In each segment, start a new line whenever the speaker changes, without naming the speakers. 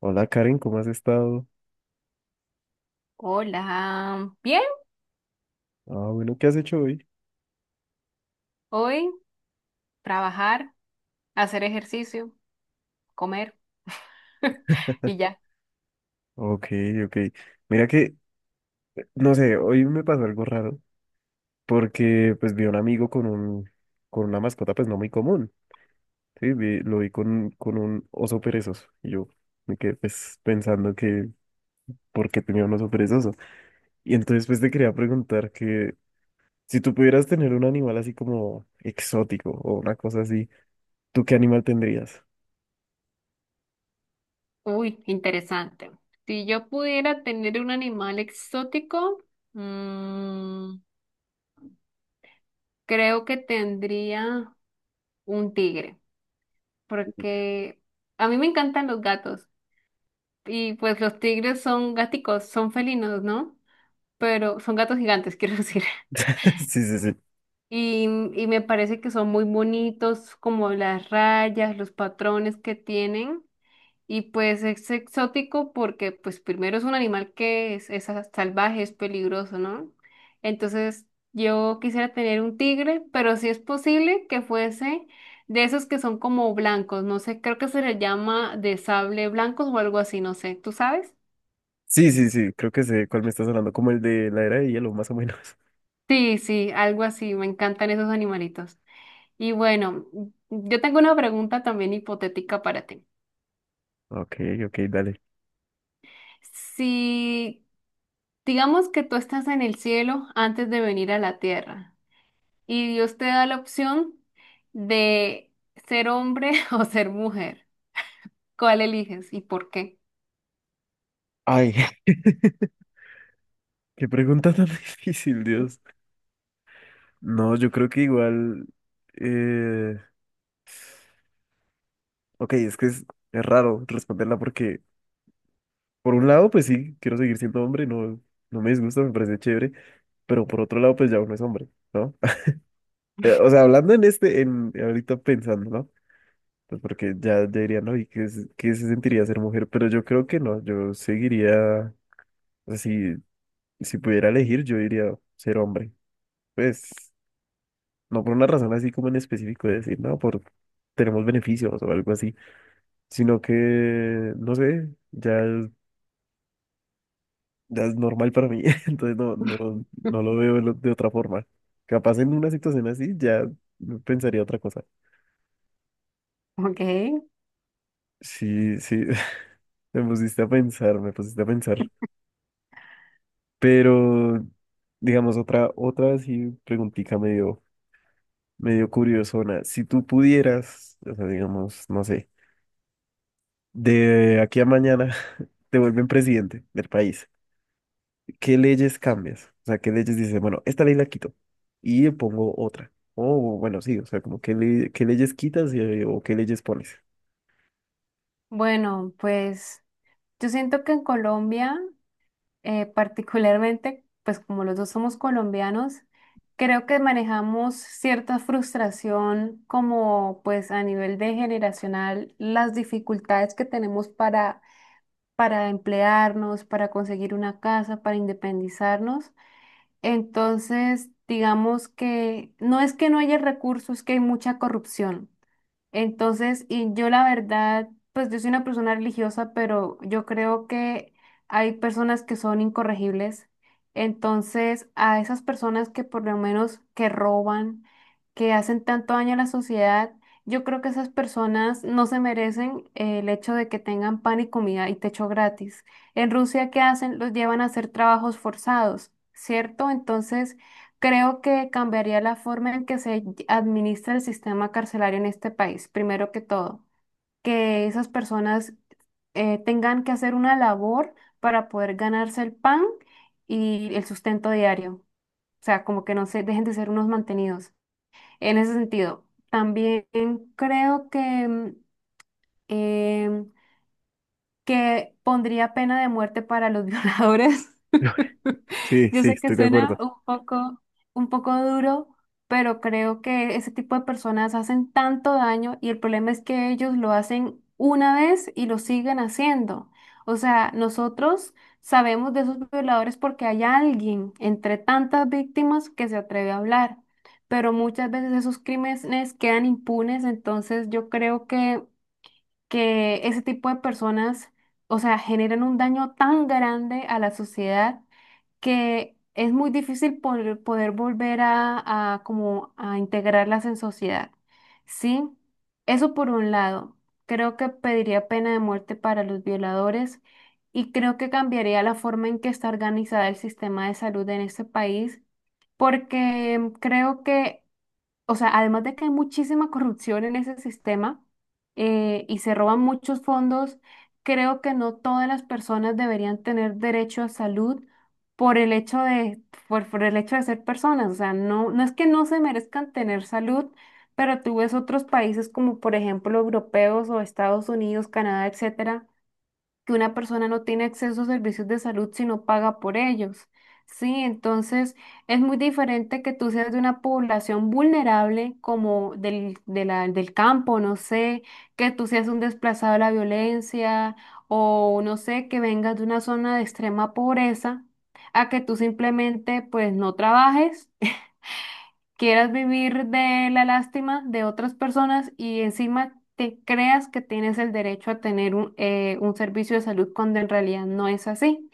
Hola Karen, ¿cómo has estado?
Hola, bien,
Ah, bueno, ¿qué has hecho hoy?
hoy trabajar, hacer ejercicio, comer y ya.
Ok, ok. Mira no sé, hoy me pasó algo raro porque pues vi a un amigo con una mascota pues no muy común, ¿sí? Lo vi con un oso perezoso y yo me quedé pues pensando: ¿por qué tenía un oso perezoso? Y entonces pues te quería preguntar que si tú pudieras tener un animal así como exótico o una cosa así, ¿tú qué animal tendrías?
Uy, interesante. Si yo pudiera tener un animal exótico, mm, creo que tendría un tigre, porque a mí me encantan los gatos y pues los tigres son gáticos, son felinos, ¿no? Pero son gatos gigantes, quiero decir.
Sí, sí, sí.
Y, y me parece que son muy bonitos, como las rayas, los patrones que tienen. Y pues es exótico porque pues primero es un animal que es, salvaje, es peligroso, ¿no? Entonces yo quisiera tener un tigre, pero si es posible que fuese de esos que son como blancos, no sé, creo que se le llama de sable blancos o algo así, no sé, ¿tú sabes?
Sí, sí, sí, creo que sé cuál me estás hablando, como el de la era de hielo, más o menos.
Sí, sí, algo así, me encantan esos animalitos. Y bueno, yo tengo una pregunta también hipotética para ti.
Ok, ok, dale.
Si digamos que tú estás en el cielo antes de venir a la tierra, y Dios te da la opción de ser hombre o ser mujer. ¿Cuál eliges y por qué?
Ay, qué pregunta tan difícil, Dios. No, yo creo que igual... Eh... Ok, es raro responderla porque, por un lado, pues sí, quiero seguir siendo hombre, no, no me disgusta, me parece chévere, pero por otro lado, pues ya uno es hombre, ¿no? O sea, hablando en ahorita pensando, ¿no? Pues porque ya diría, no, ¿y qué se sentiría ser mujer? Pero yo creo que no, yo seguiría. O sea, si pudiera elegir, yo diría ser hombre. Pues no por una razón así como en específico de decir, no, por tenemos beneficios o algo así, sino que, no sé, ya es normal para mí, entonces no, no, no lo veo de otra forma. Capaz en una situación así ya pensaría otra cosa.
Ok,
Sí, sí, me pusiste a pensar, me pusiste a pensar. Pero, digamos, otra así preguntica medio curiosona. Si tú pudieras, o sea, digamos, no sé, de aquí a mañana te vuelven presidente del país, ¿qué leyes cambias? O sea, ¿qué leyes dices, bueno, esta ley la quito y le pongo otra? O bueno, sí, o sea, como qué leyes quitas o qué leyes pones.
bueno, pues yo siento que en Colombia, particularmente, pues como los dos somos colombianos, creo que manejamos cierta frustración como pues a nivel de generacional, las dificultades que tenemos para emplearnos, para conseguir una casa, para independizarnos. Entonces, digamos que no es que no haya recursos, es que hay mucha corrupción. Entonces, y yo la verdad, pues yo soy una persona religiosa, pero yo creo que hay personas que son incorregibles. Entonces, a esas personas que por lo menos que roban, que hacen tanto daño a la sociedad, yo creo que esas personas no se merecen el hecho de que tengan pan y comida y techo gratis. En Rusia, ¿qué hacen? Los llevan a hacer trabajos forzados, ¿cierto? Entonces, creo que cambiaría la forma en que se administra el sistema carcelario en este país, primero que todo, que esas personas tengan que hacer una labor para poder ganarse el pan y el sustento diario, o sea, como que no se dejen de ser unos mantenidos. En ese sentido, también creo que mm, em, que pondría pena de muerte para los violadores.
Sí,
Yo
sí,
sé que
estoy de
suena
acuerdo.
un poco duro, pero creo que ese tipo de personas hacen tanto daño y el problema es que ellos lo hacen una vez y lo siguen haciendo. O sea, nosotros sabemos de esos violadores porque hay alguien entre tantas víctimas que se atreve a hablar, pero muchas veces esos crímenes quedan impunes, entonces yo creo que ese tipo de personas, o sea, generan un daño tan grande a la sociedad que es muy difícil poder, poder volver a como a integrarlas en sociedad. ¿Sí? Eso por un lado. Creo que pediría pena de muerte para los violadores y creo que cambiaría la forma en que está organizada el sistema de salud en este país porque creo que, o sea, además de que hay muchísima corrupción en ese sistema, y se roban muchos fondos, creo que no todas las personas deberían tener derecho a salud por el hecho de, por el hecho de ser personas. O sea, no, no es que no se merezcan tener salud, pero tú ves otros países como por ejemplo europeos o Estados Unidos, Canadá, etcétera, que una persona no tiene acceso a servicios de salud si no paga por ellos. Sí, entonces es muy diferente que tú seas de una población vulnerable como de del campo, no sé, que tú seas un desplazado de la violencia o no sé, que vengas de una zona de extrema pobreza, a que tú simplemente pues no trabajes, quieras vivir de la lástima de otras personas y encima te creas que tienes el derecho a tener un servicio de salud cuando en realidad no es así.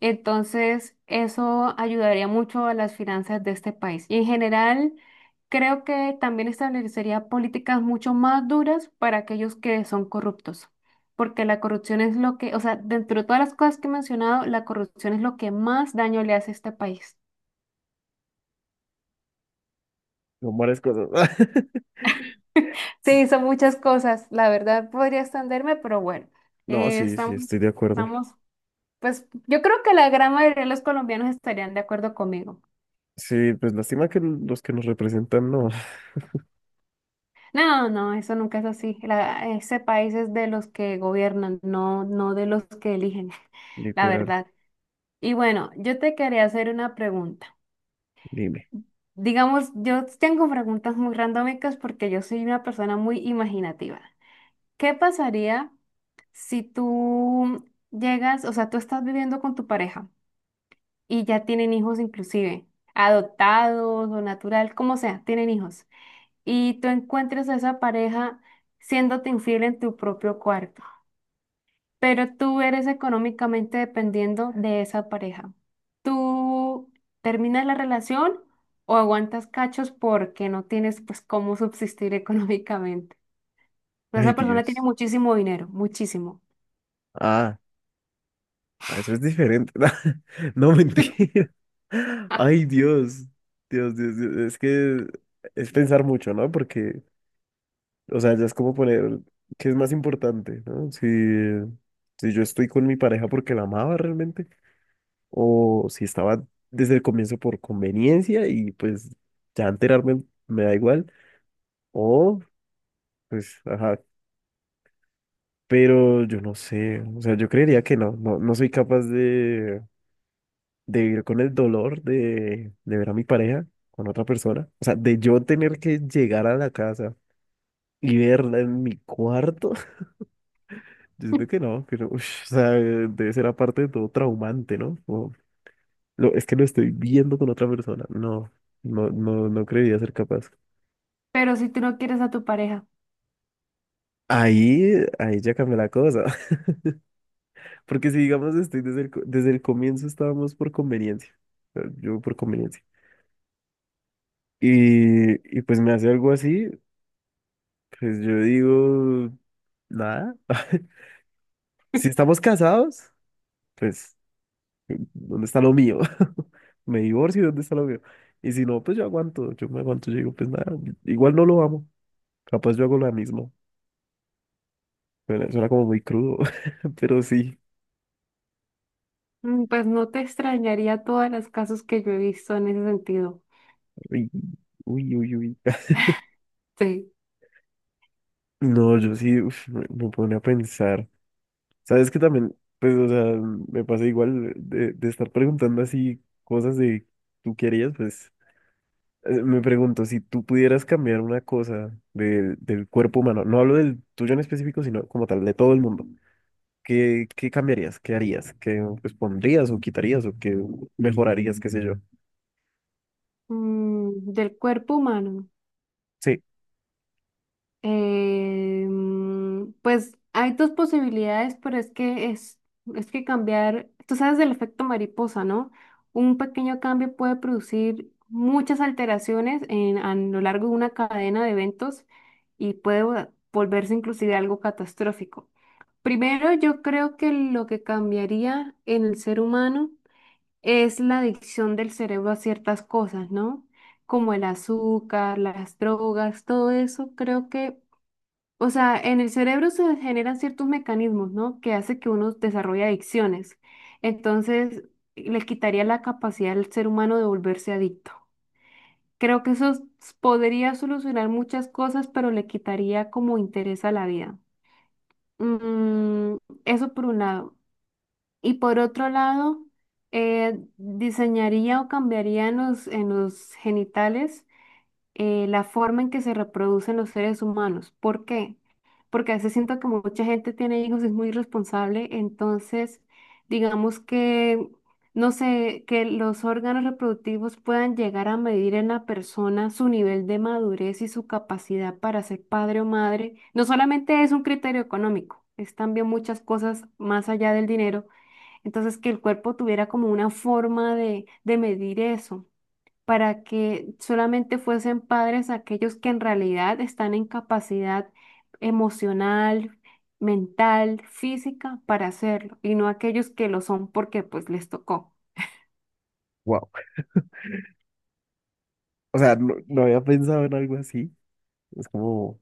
Entonces, eso ayudaría mucho a las finanzas de este país. Y en general, creo que también establecería políticas mucho más duras para aquellos que son corruptos. Porque la corrupción es lo que, o sea, dentro de todas las cosas que he mencionado, la corrupción es lo que más daño le hace a este país.
Son varias cosas.
Sí, son muchas cosas. La verdad podría extenderme, pero bueno,
No,
eh,
sí, sí,
estamos,
estoy de acuerdo.
estamos, pues yo creo que la gran mayoría de los colombianos estarían de acuerdo conmigo.
Sí, pues lástima que los que nos representan no.
No, no, eso nunca es así. Ese país es de los que gobiernan, no, no de los que eligen, la
Literal.
verdad. Y bueno, yo te quería hacer una pregunta.
Dime.
Digamos, yo tengo preguntas muy randómicas porque yo soy una persona muy imaginativa. ¿Qué pasaría si tú llegas, o sea, tú estás viviendo con tu pareja y ya tienen hijos inclusive, adoptados o natural, como sea, tienen hijos, y tú encuentres a esa pareja siéndote infiel en tu propio cuarto, pero tú eres económicamente dependiendo de esa pareja? ¿Tú terminas la relación o aguantas cachos porque no tienes pues cómo subsistir económicamente?
Ay,
Esa persona tiene
Dios.
muchísimo dinero, muchísimo.
Ah, ah, eso es diferente. No, mentira. Ay, Dios. Dios, Dios, Dios. Es que es pensar mucho, ¿no? Porque, o sea, ya es como poner qué es más importante, ¿no? Si, si yo estoy con mi pareja porque la amaba realmente, o si estaba desde el comienzo por conveniencia y pues ya enterarme me da igual, o pues, ajá. Pero yo no sé, o sea, yo creería que no, no, no soy capaz de. De vivir con el dolor de ver a mi pareja con otra persona. O sea, de yo tener que llegar a la casa y verla en mi cuarto. Yo siento que no, ush, o sea, debe ser aparte de todo traumante, ¿no? Como, lo, es que lo estoy viendo con otra persona. No, no, no, no creería ser capaz.
Pero si tú no quieres a tu pareja,
Ahí, ahí ya cambió la cosa. Porque si digamos, estoy desde desde el comienzo estábamos por conveniencia. O sea, yo por conveniencia. Y, y pues me hace algo así, pues yo digo, nada. Si estamos casados, pues, ¿dónde está lo mío? Me divorcio, ¿dónde está lo mío? Y si no, pues yo aguanto, yo me aguanto, yo digo, pues nada, igual no lo amo. Capaz yo hago lo mismo. Suena como muy crudo, pero sí.
mm, pues no te extrañaría todas las casos que yo he visto en ese sentido.
Uy, uy, uy, uy.
Sí.
No, yo sí, uf, me pone a pensar. ¿Sabes que también, pues, o sea, me pasa igual de estar preguntando así cosas de tú querías, pues. Me pregunto, si tú pudieras cambiar una cosa del cuerpo humano, no hablo del tuyo en específico, sino como tal, de todo el mundo, qué cambiarías? ¿Qué harías? ¿Qué pues, pondrías o quitarías o qué mejorarías, qué sé yo?
Mm, del cuerpo humano.
Sí,
Pues hay dos posibilidades, pero es que cambiar, tú sabes del efecto mariposa, ¿no? Un pequeño cambio puede producir muchas alteraciones en, a lo largo de una cadena de eventos y puede volverse inclusive algo catastrófico. Primero, yo creo que lo que cambiaría en el ser humano es la adicción del cerebro a ciertas cosas, ¿no? Como el azúcar, las drogas, todo eso, creo que, o sea, en el cerebro se generan ciertos mecanismos, ¿no? Que hace que uno desarrolle adicciones. Entonces, le quitaría la capacidad al ser humano de volverse adicto. Creo que podría solucionar muchas cosas, pero le quitaría como interés a la vida. Mm, eso por un lado. Y por otro lado, diseñaría o cambiaría en los genitales, la forma en que se reproducen los seres humanos. ¿Por qué? Porque a veces siento que mucha gente tiene hijos y es muy irresponsable, entonces digamos que, no sé, que los órganos reproductivos puedan llegar a medir en la persona su nivel de madurez y su capacidad para ser padre o madre. No solamente es un criterio económico, es también muchas cosas más allá del dinero, entonces, que el cuerpo tuviera como una forma de medir eso, para que solamente fuesen padres aquellos que en realidad están en capacidad emocional, mental, física para hacerlo, y no aquellos que lo son porque pues les tocó.
wow. O sea, no, no había pensado en algo así. Es como,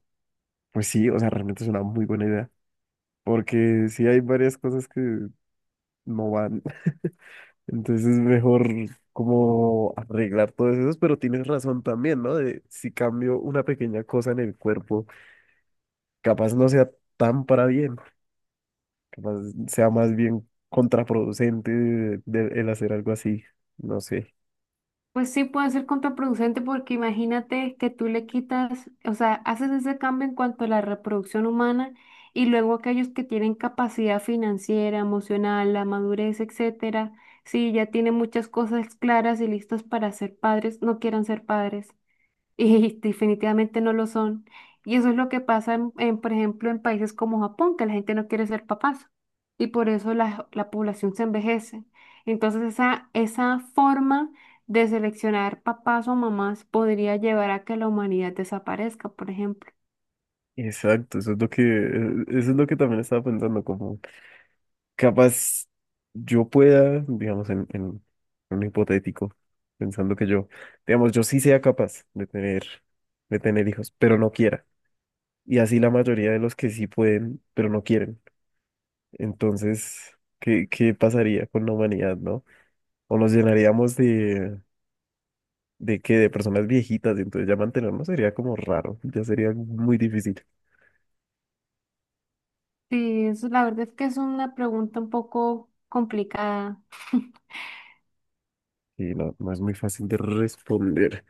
pues sí, o sea, realmente es una muy buena idea, porque sí hay varias cosas que no van. Entonces es mejor como arreglar todos esos, pero tienes razón también, ¿no? De si cambio una pequeña cosa en el cuerpo. Capaz no sea tan para bien, capaz sea más bien contraproducente el hacer algo así, no sé.
Pues sí, puede ser contraproducente porque imagínate que tú le quitas, o sea, haces ese cambio en cuanto a la reproducción humana y luego aquellos que tienen capacidad financiera, emocional, la madurez, etcétera, si ya tienen muchas cosas claras y listas para ser padres, no quieran ser padres. Y definitivamente no lo son. Y eso es lo que pasa, por ejemplo, en países como Japón, que la gente no quiere ser papás. Y por eso la población se envejece. Entonces esa forma de seleccionar papás o mamás podría llevar a que la humanidad desaparezca, por ejemplo.
Exacto, eso es lo que, eso es lo que también estaba pensando, como capaz yo pueda, digamos, en un hipotético, pensando que yo, digamos, yo sí sea capaz de tener hijos, pero no quiera. Y así la mayoría de los que sí pueden, pero no quieren. Entonces, qué pasaría con la humanidad, no? O nos llenaríamos de personas viejitas, y entonces ya mantenerlo sería como raro, ya sería muy difícil.
Sí, eso, la verdad es que es una pregunta un poco complicada.
Y no, no es muy fácil de responder.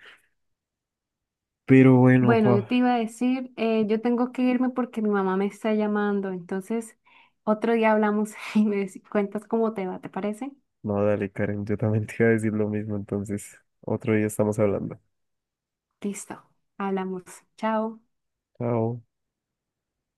Pero bueno,
Bueno, yo
pa,
te iba a decir, yo tengo que irme porque mi mamá me está llamando, entonces otro día hablamos y me cuentas cómo te va, ¿te parece?
no, dale, Karen, yo también te iba a decir lo mismo, entonces otro día estamos hablando.
Listo, hablamos. Chao.
Chao.